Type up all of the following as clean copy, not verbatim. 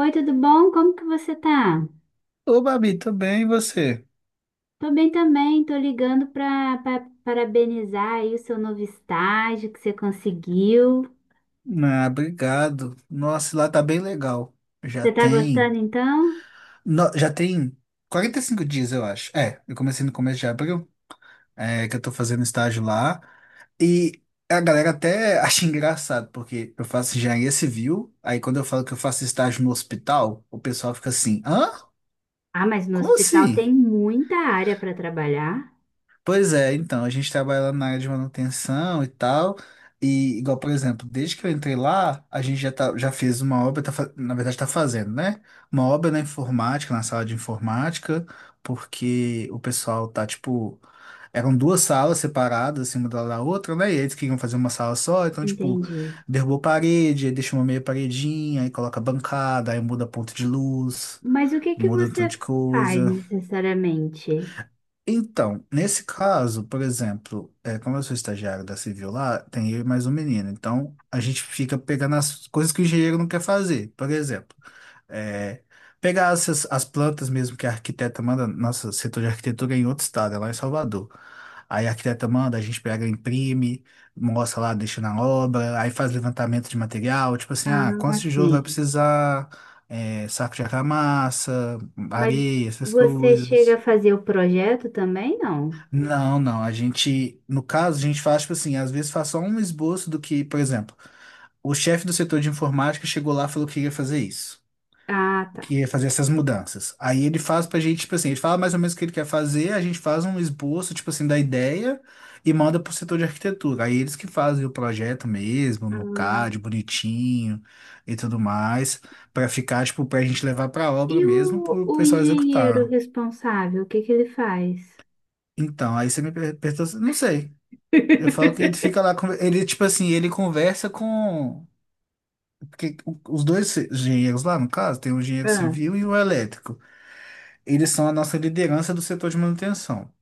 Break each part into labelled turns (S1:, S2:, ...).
S1: Oi, tudo bom? Como que você tá?
S2: Ô, Babi, tudo bem, e você?
S1: Tô bem também, tô ligando parabenizar aí o seu novo estágio que você conseguiu.
S2: Ah, obrigado. Nossa, lá tá bem legal. Já
S1: Você tá
S2: tem.
S1: gostando então?
S2: No- já tem 45 dias, eu acho. É, eu comecei no começo de abril, que eu tô fazendo estágio lá. E a galera até acha engraçado, porque eu faço engenharia civil, aí quando eu falo que eu faço estágio no hospital, o pessoal fica assim: hã?
S1: Ah, mas no
S2: Como
S1: hospital
S2: assim?
S1: tem muita área para trabalhar.
S2: Pois é, então, a gente trabalha lá na área de manutenção e tal. E igual, por exemplo, desde que eu entrei lá, a gente já, tá, já fez uma obra, tá, na verdade está fazendo, né? Uma obra na informática, na sala de informática, porque o pessoal tá, tipo, eram duas salas separadas, assim, uma da outra, né? E eles queriam fazer uma sala só, então, tipo,
S1: Entendi.
S2: derrubou parede, aí deixa uma meia paredinha, aí coloca bancada, aí muda ponto de luz,
S1: Mas o que que
S2: muda um tanto
S1: você
S2: de
S1: faz
S2: coisa.
S1: necessariamente?
S2: Então, nesse caso, por exemplo, como eu sou estagiário da Civil lá, tem eu e mais um menino. Então, a gente fica pegando as coisas que o engenheiro não quer fazer. Por exemplo, é, pegar essas, as plantas mesmo que a arquiteta manda, nossa, setor de arquitetura é em outro estado, é lá em Salvador. Aí a arquiteta manda, a gente pega, imprime, mostra lá, deixa na obra, aí faz levantamento de material, tipo assim, ah, quantos
S1: Ah,
S2: tijolos
S1: sim.
S2: vai precisar, saco de argamassa,
S1: Mas
S2: areia, essas
S1: você chega
S2: coisas.
S1: a fazer o projeto também, não?
S2: Não, não. A gente, no caso, a gente faz, tipo assim, às vezes faz só um esboço do que, por exemplo, o chefe do setor de informática chegou lá e falou que ia fazer isso,
S1: Ah, tá.
S2: que ia fazer essas mudanças. Aí ele faz pra gente, tipo assim, ele fala mais ou menos o que ele quer fazer, a gente faz um esboço, tipo assim, da ideia e manda pro setor de arquitetura. Aí eles que fazem o projeto mesmo, no
S1: Ah.
S2: CAD, bonitinho e tudo mais, pra ficar, tipo, pra gente levar pra obra
S1: E
S2: mesmo,
S1: o,
S2: pro
S1: o
S2: pessoal
S1: engenheiro
S2: executar.
S1: responsável, o que que ele faz?
S2: Então, aí você me perguntou, não sei. Eu falo que ele fica lá, ele, tipo assim, ele conversa com. Porque os dois engenheiros lá, no caso, tem o engenheiro
S1: Ah,
S2: civil e o elétrico. Eles são a nossa liderança do setor de manutenção.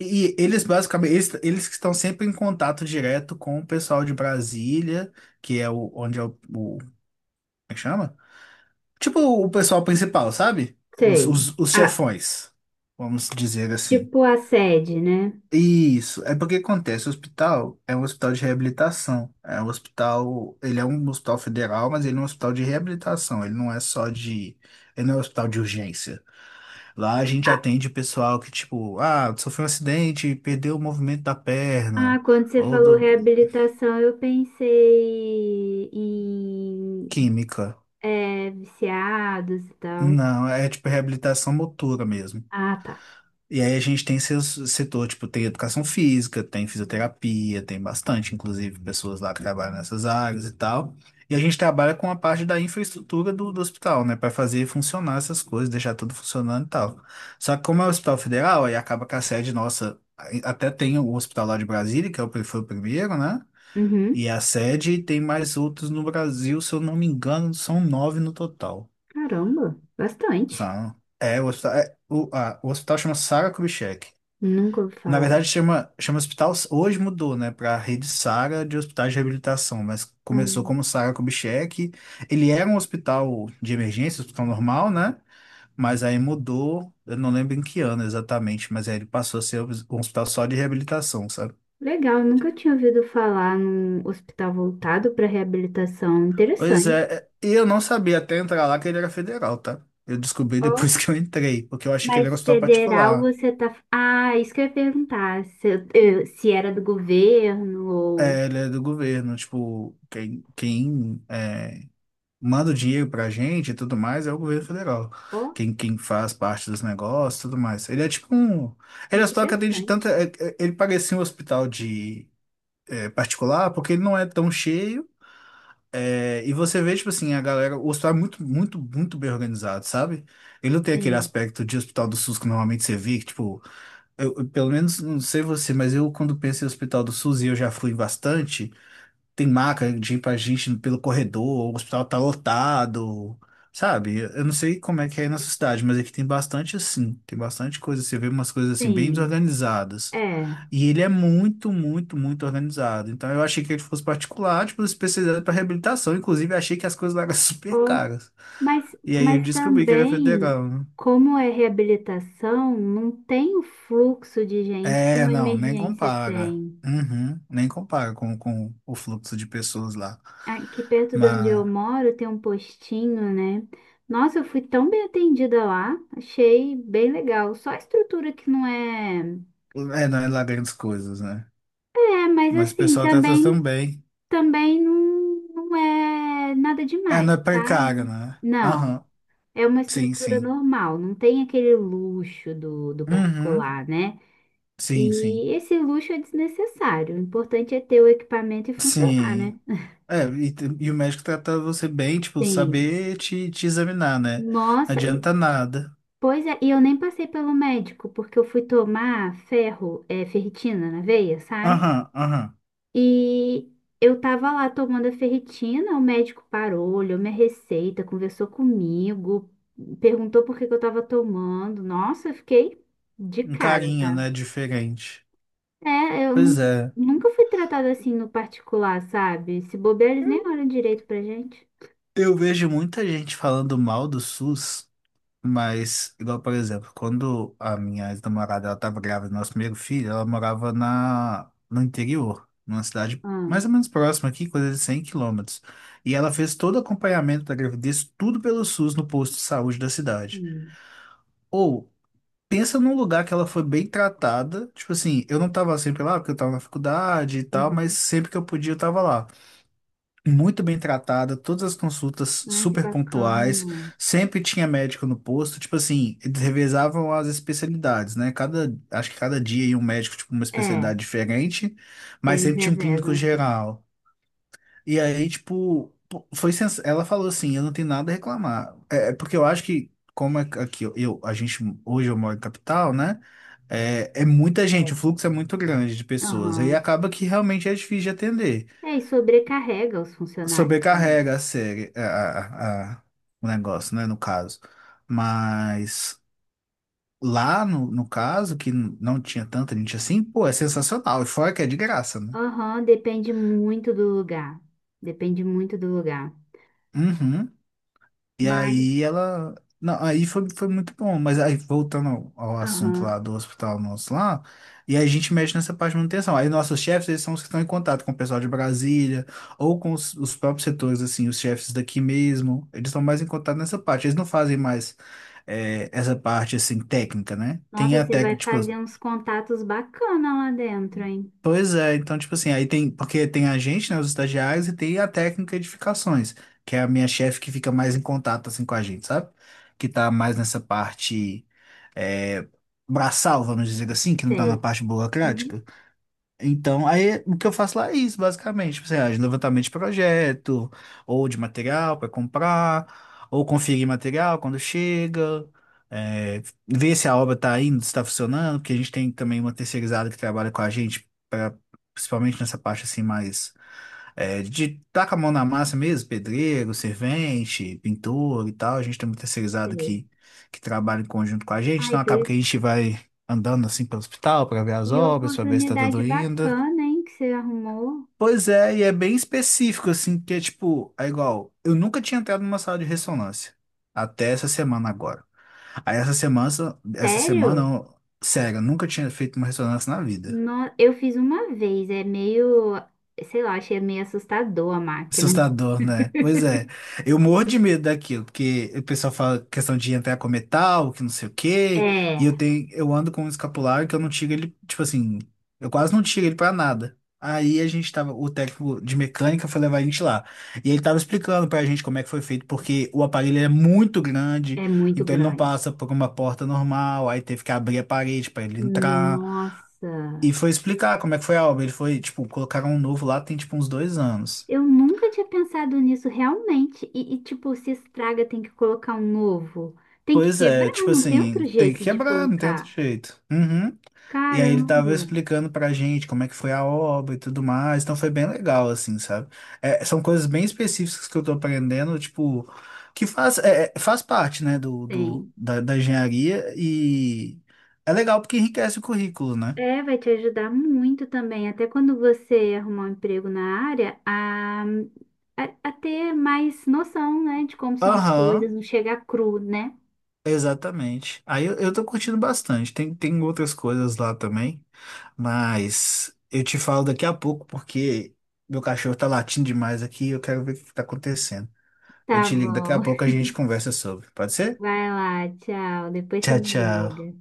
S2: E eles, basicamente, eles que estão sempre em contato direto com o pessoal de Brasília, que é o, onde é o, como é que chama? Tipo o pessoal principal, sabe? Os,
S1: sei.
S2: os, os
S1: Ah,
S2: chefões, vamos dizer assim.
S1: tipo a sede, né?
S2: Isso, é porque acontece, o hospital é um hospital de reabilitação, é um hospital, ele é um hospital federal, mas ele é um hospital de reabilitação, ele não é só de, ele não é um hospital de urgência. Lá a gente
S1: Ah,
S2: atende pessoal que, tipo, ah, sofreu um acidente, perdeu o movimento da
S1: ah,
S2: perna,
S1: quando você
S2: ou
S1: falou
S2: do,
S1: reabilitação, eu pensei em
S2: química.
S1: é, viciados e tal.
S2: Não, é tipo reabilitação motora mesmo.
S1: Ah, tá.
S2: E aí a gente tem seu setor, tipo, tem educação física, tem fisioterapia, tem bastante, inclusive, pessoas lá que trabalham nessas áreas e tal. E a gente trabalha com a parte da infraestrutura do hospital, né, para fazer funcionar essas coisas, deixar tudo funcionando e tal. Só que como é o Hospital Federal, aí acaba que a sede nossa, aí até tem o hospital lá de Brasília, que é o, foi o primeiro, né?
S1: Uhum.
S2: E a sede e tem mais outros no Brasil, se eu não me engano, são nove no total,
S1: Caramba, bastante.
S2: sabe? É, o hospital, é, o, o hospital chama Sara Kubitschek.
S1: Nunca ouvi
S2: Na
S1: falar.
S2: verdade, chama hospital. Hoje mudou, né, para Rede Sara de Hospitais de Reabilitação, mas
S1: Ah,
S2: começou como Sara Kubitschek. Ele era um hospital de emergência, hospital normal, né? Mas aí mudou, eu não lembro em que ano exatamente, mas aí ele passou a ser um hospital só de reabilitação, sabe?
S1: legal, nunca tinha ouvido falar num hospital voltado para reabilitação.
S2: Pois
S1: Interessante.
S2: é, e eu não sabia até entrar lá que ele era federal, tá? Eu descobri depois
S1: Ó,
S2: que eu entrei, porque eu achei que ele era um
S1: mas
S2: hospital
S1: federal
S2: particular.
S1: você tá. Ah, isso que eu ia perguntar. Se, se era do governo ou.
S2: É, ele é do governo, tipo, quem é, manda o dinheiro pra gente e tudo mais é o governo federal.
S1: Ó.
S2: Quem faz parte dos negócios e tudo mais. Ele é tipo um. Ele é só que atende
S1: Interessante.
S2: tanta. Ele parecia um hospital de particular, porque ele não é tão cheio. É, e você vê, tipo assim, a galera. O hospital é muito, muito, muito bem organizado, sabe? Ele não tem aquele
S1: Sim,
S2: aspecto de hospital do SUS que normalmente você vê, que, tipo, pelo menos não sei você, mas eu quando penso em hospital do SUS e eu já fui em bastante, tem maca de ir pra gente pelo corredor, o hospital tá lotado, sabe? Eu não sei como é que é aí na sua cidade, mas aqui tem bastante assim, tem bastante coisa, você vê umas coisas assim bem
S1: sim.
S2: desorganizadas.
S1: É.
S2: E ele é muito, muito, muito organizado. Então eu achei que ele fosse particular, tipo, especializado para reabilitação. Inclusive, achei que as coisas lá eram super
S1: Ou,
S2: caras. E aí eu
S1: mas
S2: descobri que era
S1: também,
S2: federal, né?
S1: como é reabilitação, não tem o fluxo de gente que
S2: É,
S1: uma
S2: não, nem
S1: emergência
S2: compara.
S1: tem.
S2: Uhum, nem compara com o fluxo de pessoas lá.
S1: Aqui perto de onde eu
S2: Mas
S1: moro tem um postinho, né? Nossa, eu fui tão bem atendida lá, achei bem legal. Só a estrutura que não é.
S2: não é lá grandes coisas, né?
S1: É, mas
S2: Mas o
S1: assim,
S2: pessoal trata
S1: também,
S2: também.
S1: também não, não é nada
S2: É,
S1: demais,
S2: não é precário,
S1: sabe?
S2: né?
S1: Não.
S2: Aham.
S1: É uma
S2: Sim,
S1: estrutura
S2: sim.
S1: normal, não tem aquele luxo do
S2: Uhum.
S1: particular, né?
S2: Sim, sim.
S1: E esse luxo é desnecessário. O importante é ter o equipamento e funcionar,
S2: Sim.
S1: né?
S2: É, e o médico trata você bem, tipo,
S1: Sim.
S2: saber te examinar, né? Não
S1: Nossa,
S2: adianta nada.
S1: pois é, e eu nem passei pelo médico, porque eu fui tomar ferro, é, ferritina na veia, sabe?
S2: Aham, aham.
S1: E eu tava lá tomando a ferritina, o médico parou, olhou minha receita, conversou comigo, perguntou por que que eu tava tomando. Nossa, eu fiquei de
S2: Um
S1: cara,
S2: carinho,
S1: tá?
S2: né? Diferente.
S1: É,
S2: Pois é.
S1: nunca fui tratada assim no particular, sabe? Se bobear, eles nem olham direito pra gente.
S2: Eu vejo muita gente falando mal do SUS. Mas, igual, por exemplo, quando a minha ex-namorada ela estava grávida do nosso primeiro filho, ela morava no interior, numa cidade mais
S1: Ah,
S2: ou menos próxima aqui, coisa de 100 quilômetros. E ela fez todo o acompanhamento da gravidez, tudo pelo SUS no posto de saúde da cidade.
S1: sim.
S2: Ou, pensa num lugar que ela foi bem tratada, tipo assim, eu não estava sempre lá porque eu estava na faculdade e tal, mas
S1: Uhum.
S2: sempre que eu podia eu estava lá muito bem tratada, todas as consultas
S1: Ai, que
S2: super pontuais,
S1: bacana.
S2: sempre tinha médico no posto, tipo assim, eles revezavam as especialidades, né? Cada, acho que cada dia ia um médico, tipo, uma
S1: É,
S2: especialidade diferente, mas
S1: eles
S2: sempre tinha um clínico
S1: revezam assim.
S2: geral. E aí, tipo, pô, ela falou assim, eu não tenho nada a reclamar. É porque eu acho que, como é que aqui, a gente, hoje eu moro em capital, né? É muita gente, o
S1: É.
S2: fluxo é muito grande de pessoas, aí
S1: Aham.
S2: acaba que realmente é difícil de atender.
S1: É, e sobrecarrega os funcionários também.
S2: Sobrecarrega a série, o negócio, né, no caso. Mas lá, no caso, que não tinha tanta gente assim, pô, é sensacional. E fora que é de graça, né?
S1: Aham, depende muito do lugar. Depende muito do lugar.
S2: Uhum. E
S1: Mas,
S2: aí ela. Não, aí foi muito bom, mas aí voltando ao assunto
S1: aham.
S2: lá do hospital nosso lá, e aí a gente mexe nessa parte de manutenção. Aí nossos chefes, eles são os que estão em contato com o pessoal de Brasília, ou com os próprios setores, assim, os chefes daqui mesmo, eles estão mais em contato nessa parte, eles não fazem mais essa parte, assim, técnica, né? Tem
S1: Nossa,
S2: a
S1: você vai
S2: técnica, tipo,
S1: fazer uns contatos bacana lá dentro, hein?
S2: pois é, então, tipo assim, aí tem, porque tem a gente, né, os estagiários, e tem a técnica de edificações, que é a minha chefe que fica mais em contato, assim, com a gente, sabe? Que tá mais nessa parte, é, braçal, vamos dizer assim, que não tá na
S1: Sei.
S2: parte
S1: Uhum,
S2: burocrática. Então, aí o que eu faço lá é isso, basicamente. Tipo assim, ah, de levantamento de projeto, ou de material para comprar, ou conferir material quando chega, é, ver se a obra está indo, se está funcionando, porque a gente tem também uma terceirizada que trabalha com a gente, pra, principalmente nessa parte assim, mais de tá com a mão na massa mesmo, pedreiro, servente, pintor e tal. A gente tem uma terceirizada
S1: sei.
S2: que trabalha em conjunto com a gente,
S1: Ai,
S2: então
S1: que.
S2: acaba que a gente vai andando assim pelo hospital para ver as
S1: Que
S2: obras, para ver se está tudo
S1: oportunidade
S2: indo.
S1: bacana, hein, que você arrumou.
S2: Pois é, e é bem específico, assim, que é tipo, é igual, eu nunca tinha entrado numa sala de ressonância, até essa semana agora. Aí essa semana, essa semana,
S1: Sério?
S2: eu- sério, eu nunca tinha feito uma ressonância na vida.
S1: No- eu fiz uma vez, é meio, sei lá, achei meio assustador a máquina.
S2: Assustador, né? Pois é. Eu morro de medo daquilo, porque o pessoal fala questão de entrar com metal, que não sei o quê, e eu
S1: É,
S2: tenho, eu ando com um escapulário que eu não tiro ele, tipo assim, eu quase não tiro ele pra nada. Aí a gente tava, o técnico de mecânica foi levar a gente lá. E ele tava explicando pra gente como é que foi feito, porque o aparelho é muito grande,
S1: é muito
S2: então ele não
S1: grande.
S2: passa por uma porta normal, aí teve que abrir a parede pra ele entrar. E
S1: Nossa,
S2: foi explicar como é que foi a obra. Ele foi, tipo, colocaram um novo lá, tem tipo uns 2 anos.
S1: eu nunca tinha pensado nisso realmente. E, tipo, se estraga, tem que colocar um novo. Tem que
S2: Pois é,
S1: quebrar,
S2: tipo
S1: não tem outro
S2: assim, tem que
S1: jeito de
S2: quebrar, não tem outro
S1: colocar.
S2: jeito. Uhum. E aí ele tava
S1: Caramba,
S2: explicando pra gente como é que foi a obra e tudo mais, então foi bem legal, assim, sabe? É, são coisas bem específicas que eu tô aprendendo, tipo, que faz, faz parte, né, do, do,
S1: tem.
S2: da, da engenharia e é legal porque enriquece o currículo, né?
S1: É, vai te ajudar muito também, até quando você arrumar um emprego na área, a ter mais noção, né, de como são as coisas,
S2: Aham.
S1: não chegar cru, né?
S2: Exatamente. Aí eu tô curtindo bastante. Tem outras coisas lá também, mas eu te falo daqui a pouco porque meu cachorro tá latindo demais aqui e eu quero ver o que tá acontecendo. Eu
S1: Tá
S2: te ligo daqui a
S1: bom.
S2: pouco, a gente conversa sobre. Pode ser?
S1: Vai lá, tchau. Depois você
S2: Tchau,
S1: me
S2: tchau.
S1: liga.